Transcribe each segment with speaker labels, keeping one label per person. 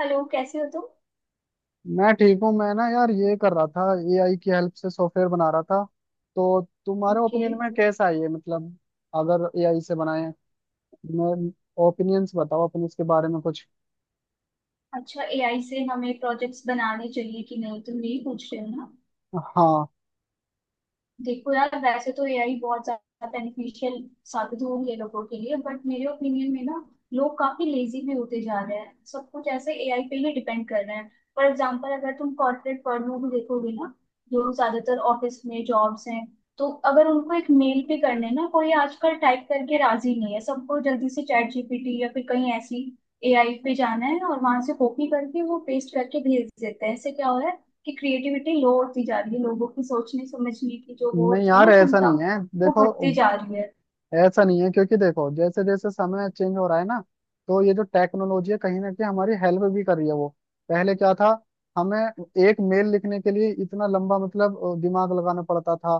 Speaker 1: Hello, कैसे हो तुम?
Speaker 2: मैं ठीक हूँ। मैं ना यार ये कर रहा था। एआई की हेल्प से सॉफ्टवेयर बना रहा था। तो तुम्हारे
Speaker 1: ओके।
Speaker 2: ओपिनियन में कैसा है ये, मतलब अगर एआई से बनाए, मैं ओपिनियंस बताओ अपने इसके बारे में कुछ।
Speaker 1: अच्छा, एआई से हमें प्रोजेक्ट्स बनाने चाहिए कि नहीं, तुम यही पूछ रहे हो ना?
Speaker 2: हाँ।
Speaker 1: देखो यार, वैसे तो एआई बहुत ज्यादा बेनिफिशियल साबित हो रही है लोगों के लिए, बट मेरे ओपिनियन में ना, लोग काफी लेजी भी होते जा रहे हैं। सब कुछ ऐसे एआई पे ही डिपेंड कर रहे हैं। फॉर एग्जांपल, अगर तुम कॉर्पोरेट वर्ल्ड में भी देखोगे ना, जो ज्यादातर ऑफिस में जॉब्स हैं, तो अगर उनको एक मेल पे करने ना, कोई आजकल टाइप करके राजी नहीं है। सबको जल्दी से चैट जीपीटी या फिर कहीं ऐसी एआई पे जाना है, और वहां से कॉपी करके वो पेस्ट करके भेज देते हैं। इससे क्या हो रहा है कि क्रिएटिविटी लो होती जा रही है लोगों की। सोचने समझने की जो वो
Speaker 2: नहीं
Speaker 1: होती है ना
Speaker 2: यार ऐसा
Speaker 1: क्षमता,
Speaker 2: नहीं है
Speaker 1: वो
Speaker 2: देखो।
Speaker 1: घटती जा रही है।
Speaker 2: ऐसा नहीं है, क्योंकि देखो जैसे जैसे समय चेंज हो रहा है ना, तो ये जो टेक्नोलॉजी है कहीं ना कहीं हमारी हेल्प भी कर रही है वो। पहले क्या था? हमें एक मेल लिखने के लिए इतना लंबा मतलब दिमाग लगाना पड़ता था।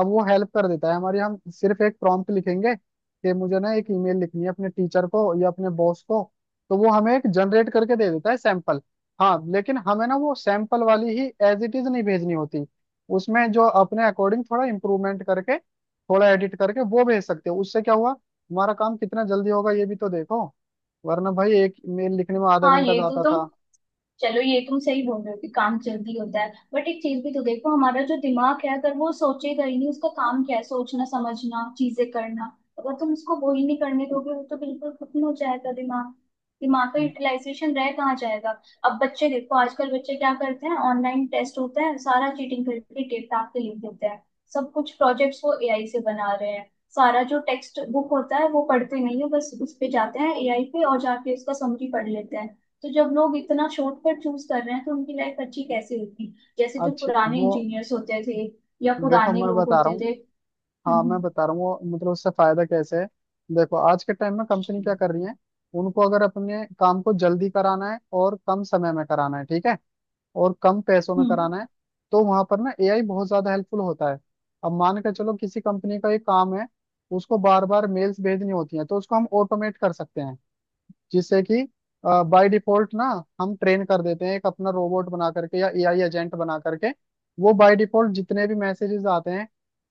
Speaker 2: अब वो हेल्प कर देता है हमारी, हम सिर्फ एक प्रॉम्प्ट लिखेंगे कि मुझे ना एक ईमेल लिखनी है अपने टीचर को या अपने बॉस को, तो वो हमें एक जनरेट करके दे देता है सैंपल। हाँ लेकिन हमें ना वो सैंपल वाली ही एज इट इज नहीं भेजनी होती, उसमें जो अपने अकॉर्डिंग थोड़ा इम्प्रूवमेंट करके, थोड़ा एडिट करके वो भेज सकते हो। उससे क्या हुआ हमारा काम कितना जल्दी होगा ये भी तो देखो। वरना भाई एक मेल लिखने में आधा
Speaker 1: हाँ,
Speaker 2: घंटा
Speaker 1: ये तो
Speaker 2: जाता
Speaker 1: तुम।
Speaker 2: था।
Speaker 1: चलो, ये तुम सही बोल रहे हो कि काम जल्दी होता है, बट एक चीज भी तो देखो, हमारा जो दिमाग है, अगर वो सोचेगा ही नहीं, उसका काम क्या है? सोचना, समझना, चीजें करना। अगर तुम उसको वो ही नहीं करने दोगे, वो तो बिल्कुल खत्म हो जाएगा दिमाग। दिमाग का यूटिलाइजेशन रह कहाँ जाएगा? अब बच्चे देखो, आजकल बच्चे क्या करते हैं, ऑनलाइन टेस्ट होता है सारा चीटिंग करके डेटा के लिख देते हैं। सब कुछ प्रोजेक्ट्स वो एआई से बना रहे हैं। सारा जो टेक्स्ट बुक होता है वो पढ़ते नहीं है, बस उस पे जाते हैं एआई पे और जाके उसका समरी पढ़ लेते हैं। तो जब लोग इतना शॉर्टकट चूज कर रहे हैं तो उनकी लाइफ अच्छी कैसे होगी? जैसे जो
Speaker 2: अच्छी
Speaker 1: पुराने
Speaker 2: वो,
Speaker 1: इंजीनियर्स होते थे, या
Speaker 2: देखो
Speaker 1: पुराने
Speaker 2: मैं
Speaker 1: लोग
Speaker 2: बता रहा
Speaker 1: होते
Speaker 2: हूँ।
Speaker 1: थे।
Speaker 2: हाँ मैं
Speaker 1: हम्म।
Speaker 2: बता रहा हूँ, वो मतलब उससे फायदा कैसे है। देखो आज के टाइम में कंपनी क्या कर रही है? उनको अगर अपने काम को जल्दी कराना है और कम समय में कराना है, ठीक है, और कम पैसों में
Speaker 1: हम्म।
Speaker 2: कराना है, तो वहां पर ना एआई बहुत ज्यादा हेल्पफुल होता है। अब मान के चलो किसी कंपनी का ये काम है, उसको बार बार मेल्स भेजनी होती है, तो उसको हम ऑटोमेट कर सकते हैं, जिससे कि बाय डिफॉल्ट ना हम ट्रेन कर देते हैं एक अपना रोबोट बना करके या एआई एजेंट बना करके। वो बाय डिफॉल्ट जितने भी मैसेजेस आते हैं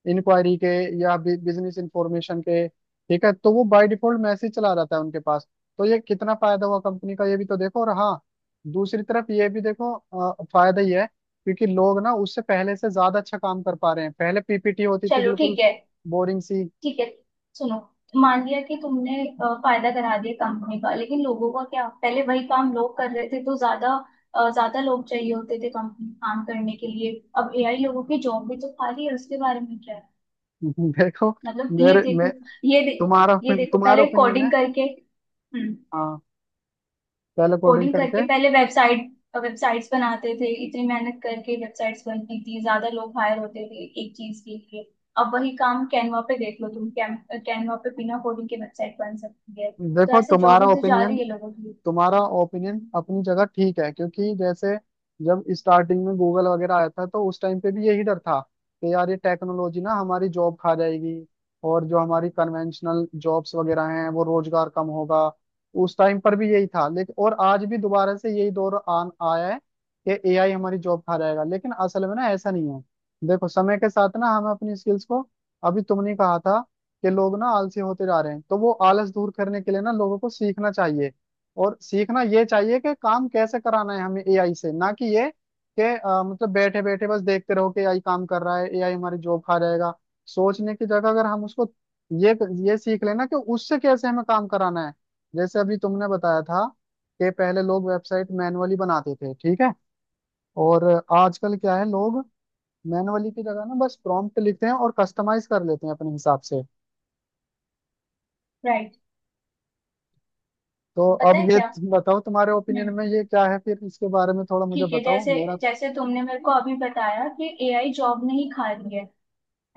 Speaker 2: इंक्वायरी के या बिजनेस इंफॉर्मेशन के, ठीक है, तो वो बाय डिफॉल्ट मैसेज चला जाता है उनके पास। तो ये कितना फायदा हुआ कंपनी का ये भी तो देखो। और हाँ, दूसरी तरफ ये भी देखो, फायदा ही है, क्योंकि लोग ना उससे पहले से ज्यादा अच्छा काम कर पा रहे हैं। पहले PPT होती थी
Speaker 1: चलो
Speaker 2: बिल्कुल
Speaker 1: ठीक है।
Speaker 2: बोरिंग सी।
Speaker 1: ठीक है। सुनो, मान लिया कि तुमने फायदा करा दिया कंपनी का, लेकिन लोगों का क्या? पहले वही काम लोग कर रहे थे तो ज्यादा ज्यादा लोग चाहिए होते थे कंपनी काम करने के लिए। अब एआई लोगों की जॉब भी तो खाली है, उसके बारे में क्या है?
Speaker 2: देखो
Speaker 1: मतलब ये
Speaker 2: मेरे मैं
Speaker 1: देखो, ये दे,
Speaker 2: तुम्हारा
Speaker 1: ये देखो
Speaker 2: तुम्हारा
Speaker 1: पहले
Speaker 2: ओपिनियन है।
Speaker 1: कोडिंग करके। हम्म।
Speaker 2: हाँ, सेल कोडिंग
Speaker 1: कोडिंग करके
Speaker 2: करके।
Speaker 1: पहले वेबसाइट वेबसाइट्स बनाते थे, इतनी मेहनत करके वेबसाइट्स बनती थी, ज्यादा लोग हायर होते थे एक चीज के लिए। अब वही काम कैनवा पे देख लो, तुम कैनवा पे बिना कोडिंग के वेबसाइट बन सकती है। तो
Speaker 2: देखो
Speaker 1: ऐसे जॉब
Speaker 2: तुम्हारा
Speaker 1: ही तो जा
Speaker 2: ओपिनियन,
Speaker 1: रही है लोगों की।
Speaker 2: तुम्हारा ओपिनियन अपनी जगह ठीक है, क्योंकि जैसे जब स्टार्टिंग में गूगल वगैरह आया था, तो उस टाइम पे भी यही डर था कि यार ये टेक्नोलॉजी ना हमारी जॉब खा जाएगी, और जो हमारी कन्वेंशनल जॉब्स वगैरह हैं वो रोजगार कम होगा। उस टाइम पर भी यही था, लेकिन और आज भी दोबारा से यही दौर आन आया है कि एआई हमारी जॉब खा जाएगा, लेकिन असल में ना ऐसा नहीं है। देखो समय के साथ ना हमें अपनी स्किल्स को, अभी तुमने कहा था कि लोग ना आलसी होते जा रहे हैं, तो वो आलस दूर करने के लिए ना लोगों को सीखना चाहिए। और सीखना ये चाहिए कि काम कैसे कराना है हमें एआई से, ना कि ये कि मतलब बैठे बैठे बस देखते रहो कि एआई काम कर रहा है, एआई हमारी जॉब खा जाएगा। सोचने की जगह अगर हम उसको ये ये सीख लेना कि उससे कैसे हमें काम कराना है। जैसे अभी तुमने बताया था कि पहले लोग वेबसाइट मैनुअली बनाते थे, ठीक है, और आजकल क्या है, लोग मैनुअली की जगह ना बस प्रॉम्प्ट लिखते हैं और कस्टमाइज कर लेते हैं अपने हिसाब से।
Speaker 1: राइट।
Speaker 2: तो
Speaker 1: पता
Speaker 2: अब
Speaker 1: है
Speaker 2: ये
Speaker 1: क्या?
Speaker 2: तुम बताओ तुम्हारे ओपिनियन
Speaker 1: हम्म।
Speaker 2: में ये क्या है, फिर इसके बारे में थोड़ा मुझे
Speaker 1: ठीक है।
Speaker 2: बताओ
Speaker 1: जैसे
Speaker 2: मेरा।
Speaker 1: जैसे तुमने मेरे को अभी बताया कि एआई जॉब नहीं खा रही है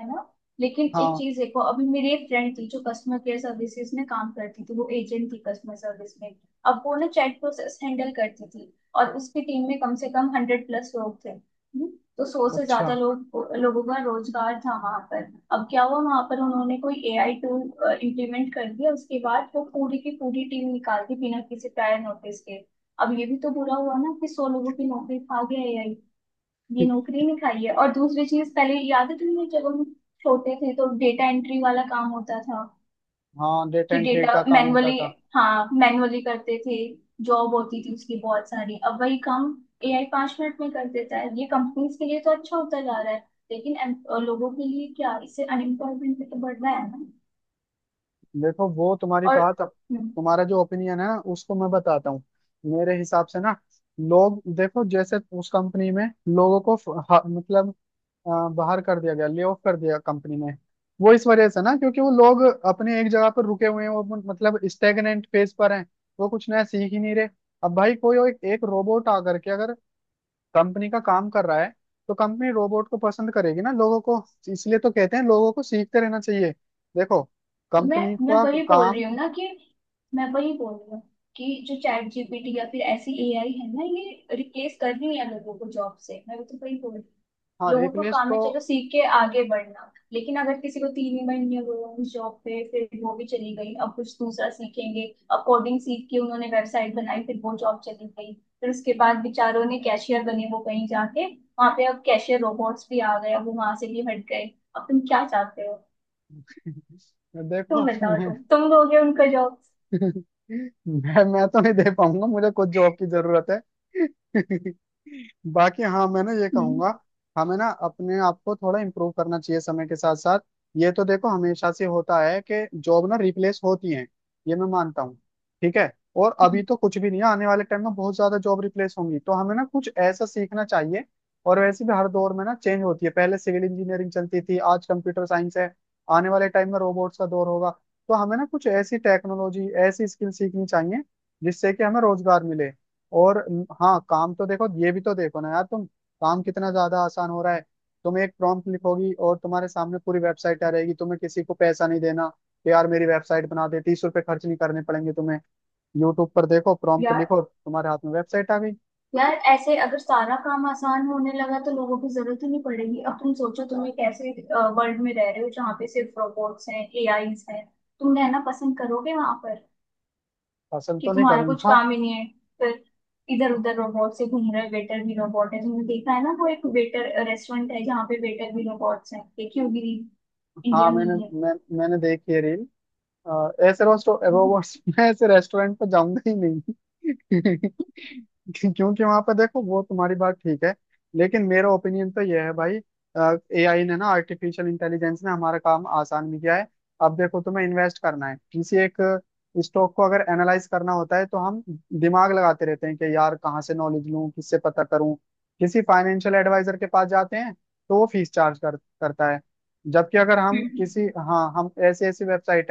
Speaker 1: है ना? लेकिन एक
Speaker 2: हाँ।
Speaker 1: चीज देखो, अभी मेरी एक फ्रेंड थी जो कस्टमर केयर सर्विसेज में काम करती थी, वो एजेंट थी कस्टमर सर्विस में। अब वो ना चैट प्रोसेस हैंडल करती थी, और उसकी टीम में कम से कम 100+ लोग थे। हम्म। तो 100 से
Speaker 2: अच्छा।
Speaker 1: ज्यादा लोग, लोगों का रोजगार था वहां पर। अब क्या हुआ वहां पर, उन्होंने कोई एआई टूल इम्प्लीमेंट कर दिया, उसके बाद वो पूरी की पूरी टीम निकाल दी बिना किसी प्रायर नोटिस के। अब ये भी तो बुरा हुआ ना कि 100 लोगों की नौकरी खा गया एआई? ये नौकरी नहीं खाई है? और दूसरी चीज, पहले याद है तुम्हें जब हम छोटे थे तो डेटा एंट्री वाला काम होता था?
Speaker 2: हाँ, डेट
Speaker 1: कि
Speaker 2: एंड ट्रे
Speaker 1: डेटा
Speaker 2: का काम होता
Speaker 1: मैनुअली,
Speaker 2: था।
Speaker 1: हाँ मैनुअली करते थे, जॉब होती थी उसकी बहुत सारी। अब वही काम एआई 5 मिनट में कर देता है, ये कंपनीज के लिए तो अच्छा होता जा रहा है, लेकिन लोगों के लिए क्या? इससे अनएम्प्लॉयमेंट भी तो बढ़ रहा है ना?
Speaker 2: देखो, वो तुम्हारी
Speaker 1: और
Speaker 2: बात अब,
Speaker 1: हम्म,
Speaker 2: तुम्हारा जो ओपिनियन है ना उसको मैं बताता हूँ। मेरे हिसाब से ना लोग देखो, जैसे उस कंपनी में लोगों को मतलब अ, बाहर कर दिया गया, ले ऑफ कर दिया कंपनी में। वो इस वजह से ना क्योंकि वो लोग अपने एक जगह पर रुके हुए हैं, वो मतलब स्टेगनेंट फेज पर हैं, वो कुछ नया सीख ही नहीं रहे। अब भाई कोई एक रोबोट आकर के अगर कंपनी का काम कर रहा है, तो कंपनी रोबोट को पसंद करेगी ना लोगों को। इसलिए तो कहते हैं लोगों को सीखते रहना चाहिए। देखो
Speaker 1: तो मैं
Speaker 2: कंपनी
Speaker 1: मैं
Speaker 2: का
Speaker 1: वही बोल
Speaker 2: काम।
Speaker 1: रही हूँ ना कि, मैं वही बोल रही हूँ कि जो चैट जीपीटी या फिर ऐसी एआई है ना, ये रिप्लेस कर रही है लोगों को जॉब से, मैं तो वही बोल रही हूँ।
Speaker 2: हाँ,
Speaker 1: लोगों को
Speaker 2: रिप्लेस
Speaker 1: काम है
Speaker 2: तो।
Speaker 1: चलो सीख के आगे बढ़ना, लेकिन अगर किसी को 3 ही महीने हो गए उस जॉब पे, फिर वो भी चली गई, अब कुछ दूसरा सीखेंगे। अब कोडिंग सीख के उन्होंने वेबसाइट बनाई, फिर वो जॉब चली गई। फिर उसके बाद बेचारों ने कैशियर बने वो कहीं जाके वहां पे, अब कैशियर रोबोट्स भी आ गए, अब वो वहां से भी हट गए। अब तुम क्या चाहते हो?
Speaker 2: देखो
Speaker 1: तुम बताओ, तुम दोगे उनका जॉब?
Speaker 2: मैं तो नहीं दे पाऊंगा, मुझे कुछ जॉब की जरूरत है। बाकी हाँ, मैं ना ये
Speaker 1: हम्म।
Speaker 2: कहूंगा, हमें ना अपने आप को थोड़ा इम्प्रूव करना चाहिए समय के साथ साथ। ये तो देखो हमेशा से होता है कि जॉब ना रिप्लेस होती हैं, ये मैं मानता हूँ, ठीक है। और अभी
Speaker 1: हम्म।
Speaker 2: तो कुछ भी नहीं है, आने वाले टाइम में बहुत ज्यादा जॉब रिप्लेस होंगी, तो हमें ना कुछ ऐसा सीखना चाहिए। और वैसे भी हर दौर में ना चेंज होती है, पहले सिविल इंजीनियरिंग चलती थी, आज कंप्यूटर साइंस है, आने वाले टाइम में रोबोट्स का दौर होगा। तो हमें ना कुछ ऐसी टेक्नोलॉजी, ऐसी स्किल सीखनी चाहिए जिससे कि हमें रोजगार मिले। और हाँ काम तो देखो ये भी तो देखो ना यार तुम, काम कितना ज्यादा आसान हो रहा है। तुम एक प्रॉम्प्ट लिखोगी और तुम्हारे सामने पूरी वेबसाइट आ रहेगी, तुम्हें किसी को पैसा नहीं देना कि यार मेरी वेबसाइट बना दे, 30 रुपए खर्च नहीं करने पड़ेंगे तुम्हें। यूट्यूब पर देखो, प्रॉम्प्ट
Speaker 1: या
Speaker 2: लिखो, तुम्हारे हाथ में वेबसाइट आ गई।
Speaker 1: यार, ऐसे अगर सारा काम आसान होने लगा तो लोगों की जरूरत ही नहीं पड़ेगी। अब तुम सोचो, तुम एक ऐसे वर्ल्ड में रह रहे हो जहाँ पे सिर्फ रोबोट्स हैं एआईज हैं, तुम रहना पसंद करोगे वहां पर?
Speaker 2: फसल
Speaker 1: कि
Speaker 2: तो नहीं
Speaker 1: तुम्हारा कुछ
Speaker 2: करूंगा।
Speaker 1: काम ही नहीं है फिर, इधर उधर रोबोट से घूम रहे, वेटर भी रोबोट है, तुमने देखा है ना वो एक वेटर रेस्टोरेंट है जहाँ पे वेटर भी रोबोट्स हैं? देखी होगी,
Speaker 2: हाँ
Speaker 1: इंडिया में ही
Speaker 2: मैंने,
Speaker 1: है।
Speaker 2: मैं, मैंने देखी है रील। ऐसे
Speaker 1: हम्म।
Speaker 2: रोबोट्स। मैं ऐसे रेस्टोरेंट पे जाऊंगा ही नहीं। क्योंकि वहां पर देखो वो तुम्हारी बात ठीक है, लेकिन मेरा ओपिनियन तो यह है भाई, एआई ने ना, आर्टिफिशियल इंटेलिजेंस ने हमारा काम आसान भी किया है। अब देखो तुम्हें इन्वेस्ट करना है किसी एक स्टॉक को, अगर एनालाइज करना होता है तो हम दिमाग लगाते रहते हैं कि यार कहाँ से नॉलेज लूँ, किससे पता करूँ। किसी फाइनेंशियल एडवाइजर के पास जाते हैं तो वो फीस चार्ज करता है, जबकि अगर हम
Speaker 1: हम्म।
Speaker 2: किसी, हाँ, हम ऐसी ऐसी वेबसाइट,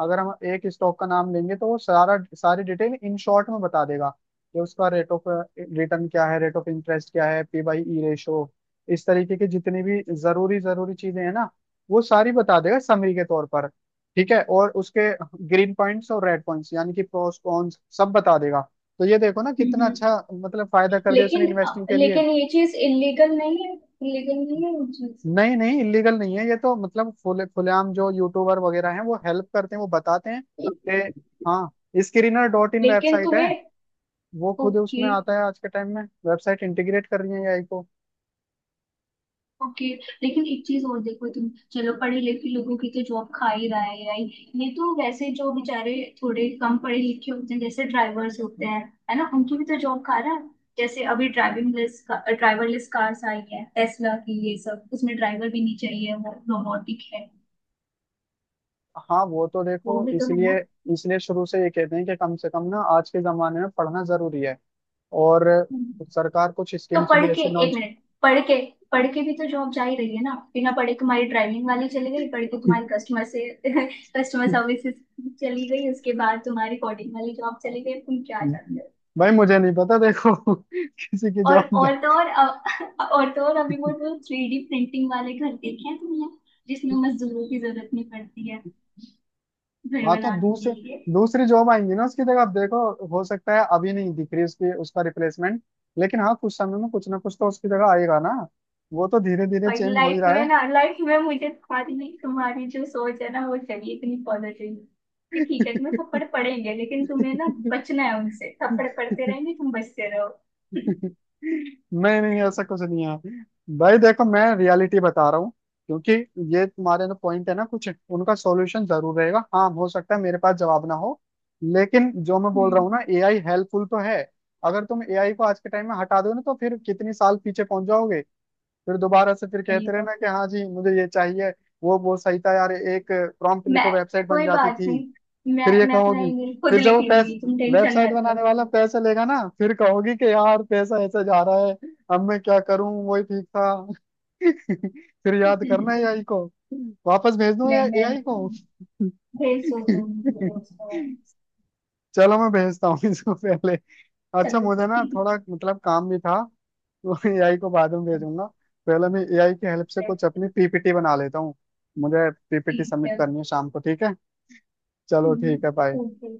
Speaker 2: अगर हम एक स्टॉक का नाम लेंगे तो वो सारा सारी डिटेल इन शॉर्ट में बता देगा कि उसका रेट ऑफ रिटर्न क्या है, रेट ऑफ इंटरेस्ट क्या है, P/E रेशो, इस तरीके की जितनी भी जरूरी जरूरी चीजें हैं ना, वो सारी बता देगा समरी के तौर पर, ठीक है। और उसके ग्रीन पॉइंट्स और रेड पॉइंट्स, यानी कि प्रोस कॉन्स सब बता देगा। तो ये देखो ना कितना
Speaker 1: हम्म।
Speaker 2: अच्छा, मतलब फायदा कर दिया उसने
Speaker 1: लेकिन अ,
Speaker 2: इन्वेस्टिंग के लिए।
Speaker 1: लेकिन ये चीज इलीगल नहीं है, इलीगल नहीं है ये चीज।
Speaker 2: नहीं नहीं, इलीगल नहीं है, ये तो मतलब खुले खुलेआम जो यूट्यूबर वगैरह हैं वो हेल्प करते हैं, वो बताते हैं कि हाँ, स्क्रीनर डॉट इन
Speaker 1: लेकिन
Speaker 2: वेबसाइट है,
Speaker 1: तुम्हें।
Speaker 2: वो खुद
Speaker 1: ओके।
Speaker 2: उसमें आता है। आज के टाइम में वेबसाइट इंटीग्रेट कर रही है एआई को।
Speaker 1: ओके। लेकिन एक चीज और देखो, तुम चलो, पढ़े लिखे लोगों की तो जॉब खा ही रहा है यार। ये तो वैसे, जो बेचारे थोड़े कम पढ़े लिखे होते हैं, जैसे ड्राइवर्स होते हैं है ना, उनकी भी तो जॉब खा रहा है। जैसे अभी ड्राइविंग लेस ड्राइवरलेस कार्स आई है टेस्ला की, ये सब उसमें ड्राइवर भी नहीं चाहिए, वो रोबोटिक है,
Speaker 2: हाँ वो तो देखो,
Speaker 1: वो भी तो है
Speaker 2: इसलिए इसलिए शुरू से ये कहते हैं कि कम से कम ना आज के जमाने में पढ़ना जरूरी है। और
Speaker 1: ना।
Speaker 2: सरकार कुछ
Speaker 1: तो
Speaker 2: स्कीम्स
Speaker 1: पढ़
Speaker 2: भी
Speaker 1: के,
Speaker 2: ऐसी
Speaker 1: एक
Speaker 2: लॉन्च।
Speaker 1: मिनट, पढ़ के पढ़ के भी तो जॉब जा ही रही है ना। बिना पढ़े तुम्हारी ड्राइविंग वाली चली गई, पढ़ के तुम्हारी कस्टमर से कस्टमर सर्विसेज चली गई, उसके बाद तुम्हारी कोडिंग वाली जॉब चली गई। तुम क्या चाहते हो?
Speaker 2: भाई मुझे नहीं पता देखो किसी की
Speaker 1: और
Speaker 2: जॉब।
Speaker 1: और तो और और तो और, अभी वो जो 3D प्रिंटिंग वाले घर देखे हैं तुमने, जिसमें मजदूरों की जरूरत नहीं पड़ती है घर
Speaker 2: हाँ तो
Speaker 1: बनाने
Speaker 2: दूसरे
Speaker 1: के लिए?
Speaker 2: दूसरी जॉब आएंगी ना उसकी जगह, आप देखो हो सकता है अभी नहीं दिख रही उसकी, उसका रिप्लेसमेंट, लेकिन हाँ कुछ समय में कुछ ना कुछ तो उसकी जगह आएगा ना। वो तो धीरे धीरे
Speaker 1: और
Speaker 2: चेंज हो ही
Speaker 1: लाइफ
Speaker 2: रहा
Speaker 1: में
Speaker 2: है।
Speaker 1: ना, लाइफ में मुझे तुम्हारी तुम्हारी जो सोच है ना वो चाहिए, इतनी पॉजिटिव कि ठीक है तुम्हें थप्पड़ पड़ेंगे, लेकिन तुम्हें ना बचना है उनसे, थप्पड़ पड़ते रहेंगे तुम बचते रहो।
Speaker 2: नहीं नहीं, ऐसा कुछ नहीं है भाई, देखो मैं रियलिटी बता रहा हूँ। क्योंकि ये तुम्हारे ना पॉइंट है ना, कुछ उनका सॉल्यूशन जरूर रहेगा, हाँ हो सकता है मेरे पास जवाब ना हो, लेकिन जो मैं बोल रहा
Speaker 1: हम्म।
Speaker 2: हूँ ना, एआई हेल्पफुल तो है। अगर तुम एआई को आज के टाइम में हटा दो ना, तो फिर कितनी साल पीछे पहुंच जाओगे। फिर दोबारा से फिर
Speaker 1: ये
Speaker 2: कहते
Speaker 1: तो
Speaker 2: रहना कि हाँ जी मुझे ये चाहिए, वो सही था यार, एक प्रॉम्प्ट
Speaker 1: मैं।
Speaker 2: लिखो वेबसाइट बन
Speaker 1: कोई
Speaker 2: जाती
Speaker 1: बात
Speaker 2: थी।
Speaker 1: नहीं, मैं
Speaker 2: फिर ये
Speaker 1: मैं अपना
Speaker 2: कहोगी,
Speaker 1: ईमेल खुद
Speaker 2: फिर जब
Speaker 1: लिख
Speaker 2: वो पैस
Speaker 1: लूंगी, तुम टेंशन
Speaker 2: वेबसाइट
Speaker 1: मत लो।
Speaker 2: बनाने वाला पैसे लेगा ना, फिर कहोगी कि यार पैसा ऐसे जा रहा है, अब मैं क्या करूं, वही ठीक था। फिर याद करना एआई को। वापस भेज दूं
Speaker 1: नहीं, मैं
Speaker 2: एआई को।
Speaker 1: भेज सोचूंगी।
Speaker 2: चलो मैं भेजता हूँ इसको पहले। अच्छा
Speaker 1: चलो
Speaker 2: मुझे ना
Speaker 1: ठीक
Speaker 2: थोड़ा मतलब काम भी था, तो एआई को बाद में भेजूंगा, पहले मैं एआई की हेल्प से
Speaker 1: है।
Speaker 2: कुछ अपनी पीपीटी बना लेता हूँ। मुझे पीपीटी
Speaker 1: ठीक
Speaker 2: सबमिट
Speaker 1: है।
Speaker 2: करनी है शाम को, ठीक है। चलो
Speaker 1: हम्म।
Speaker 2: ठीक है, बाय।
Speaker 1: ओके।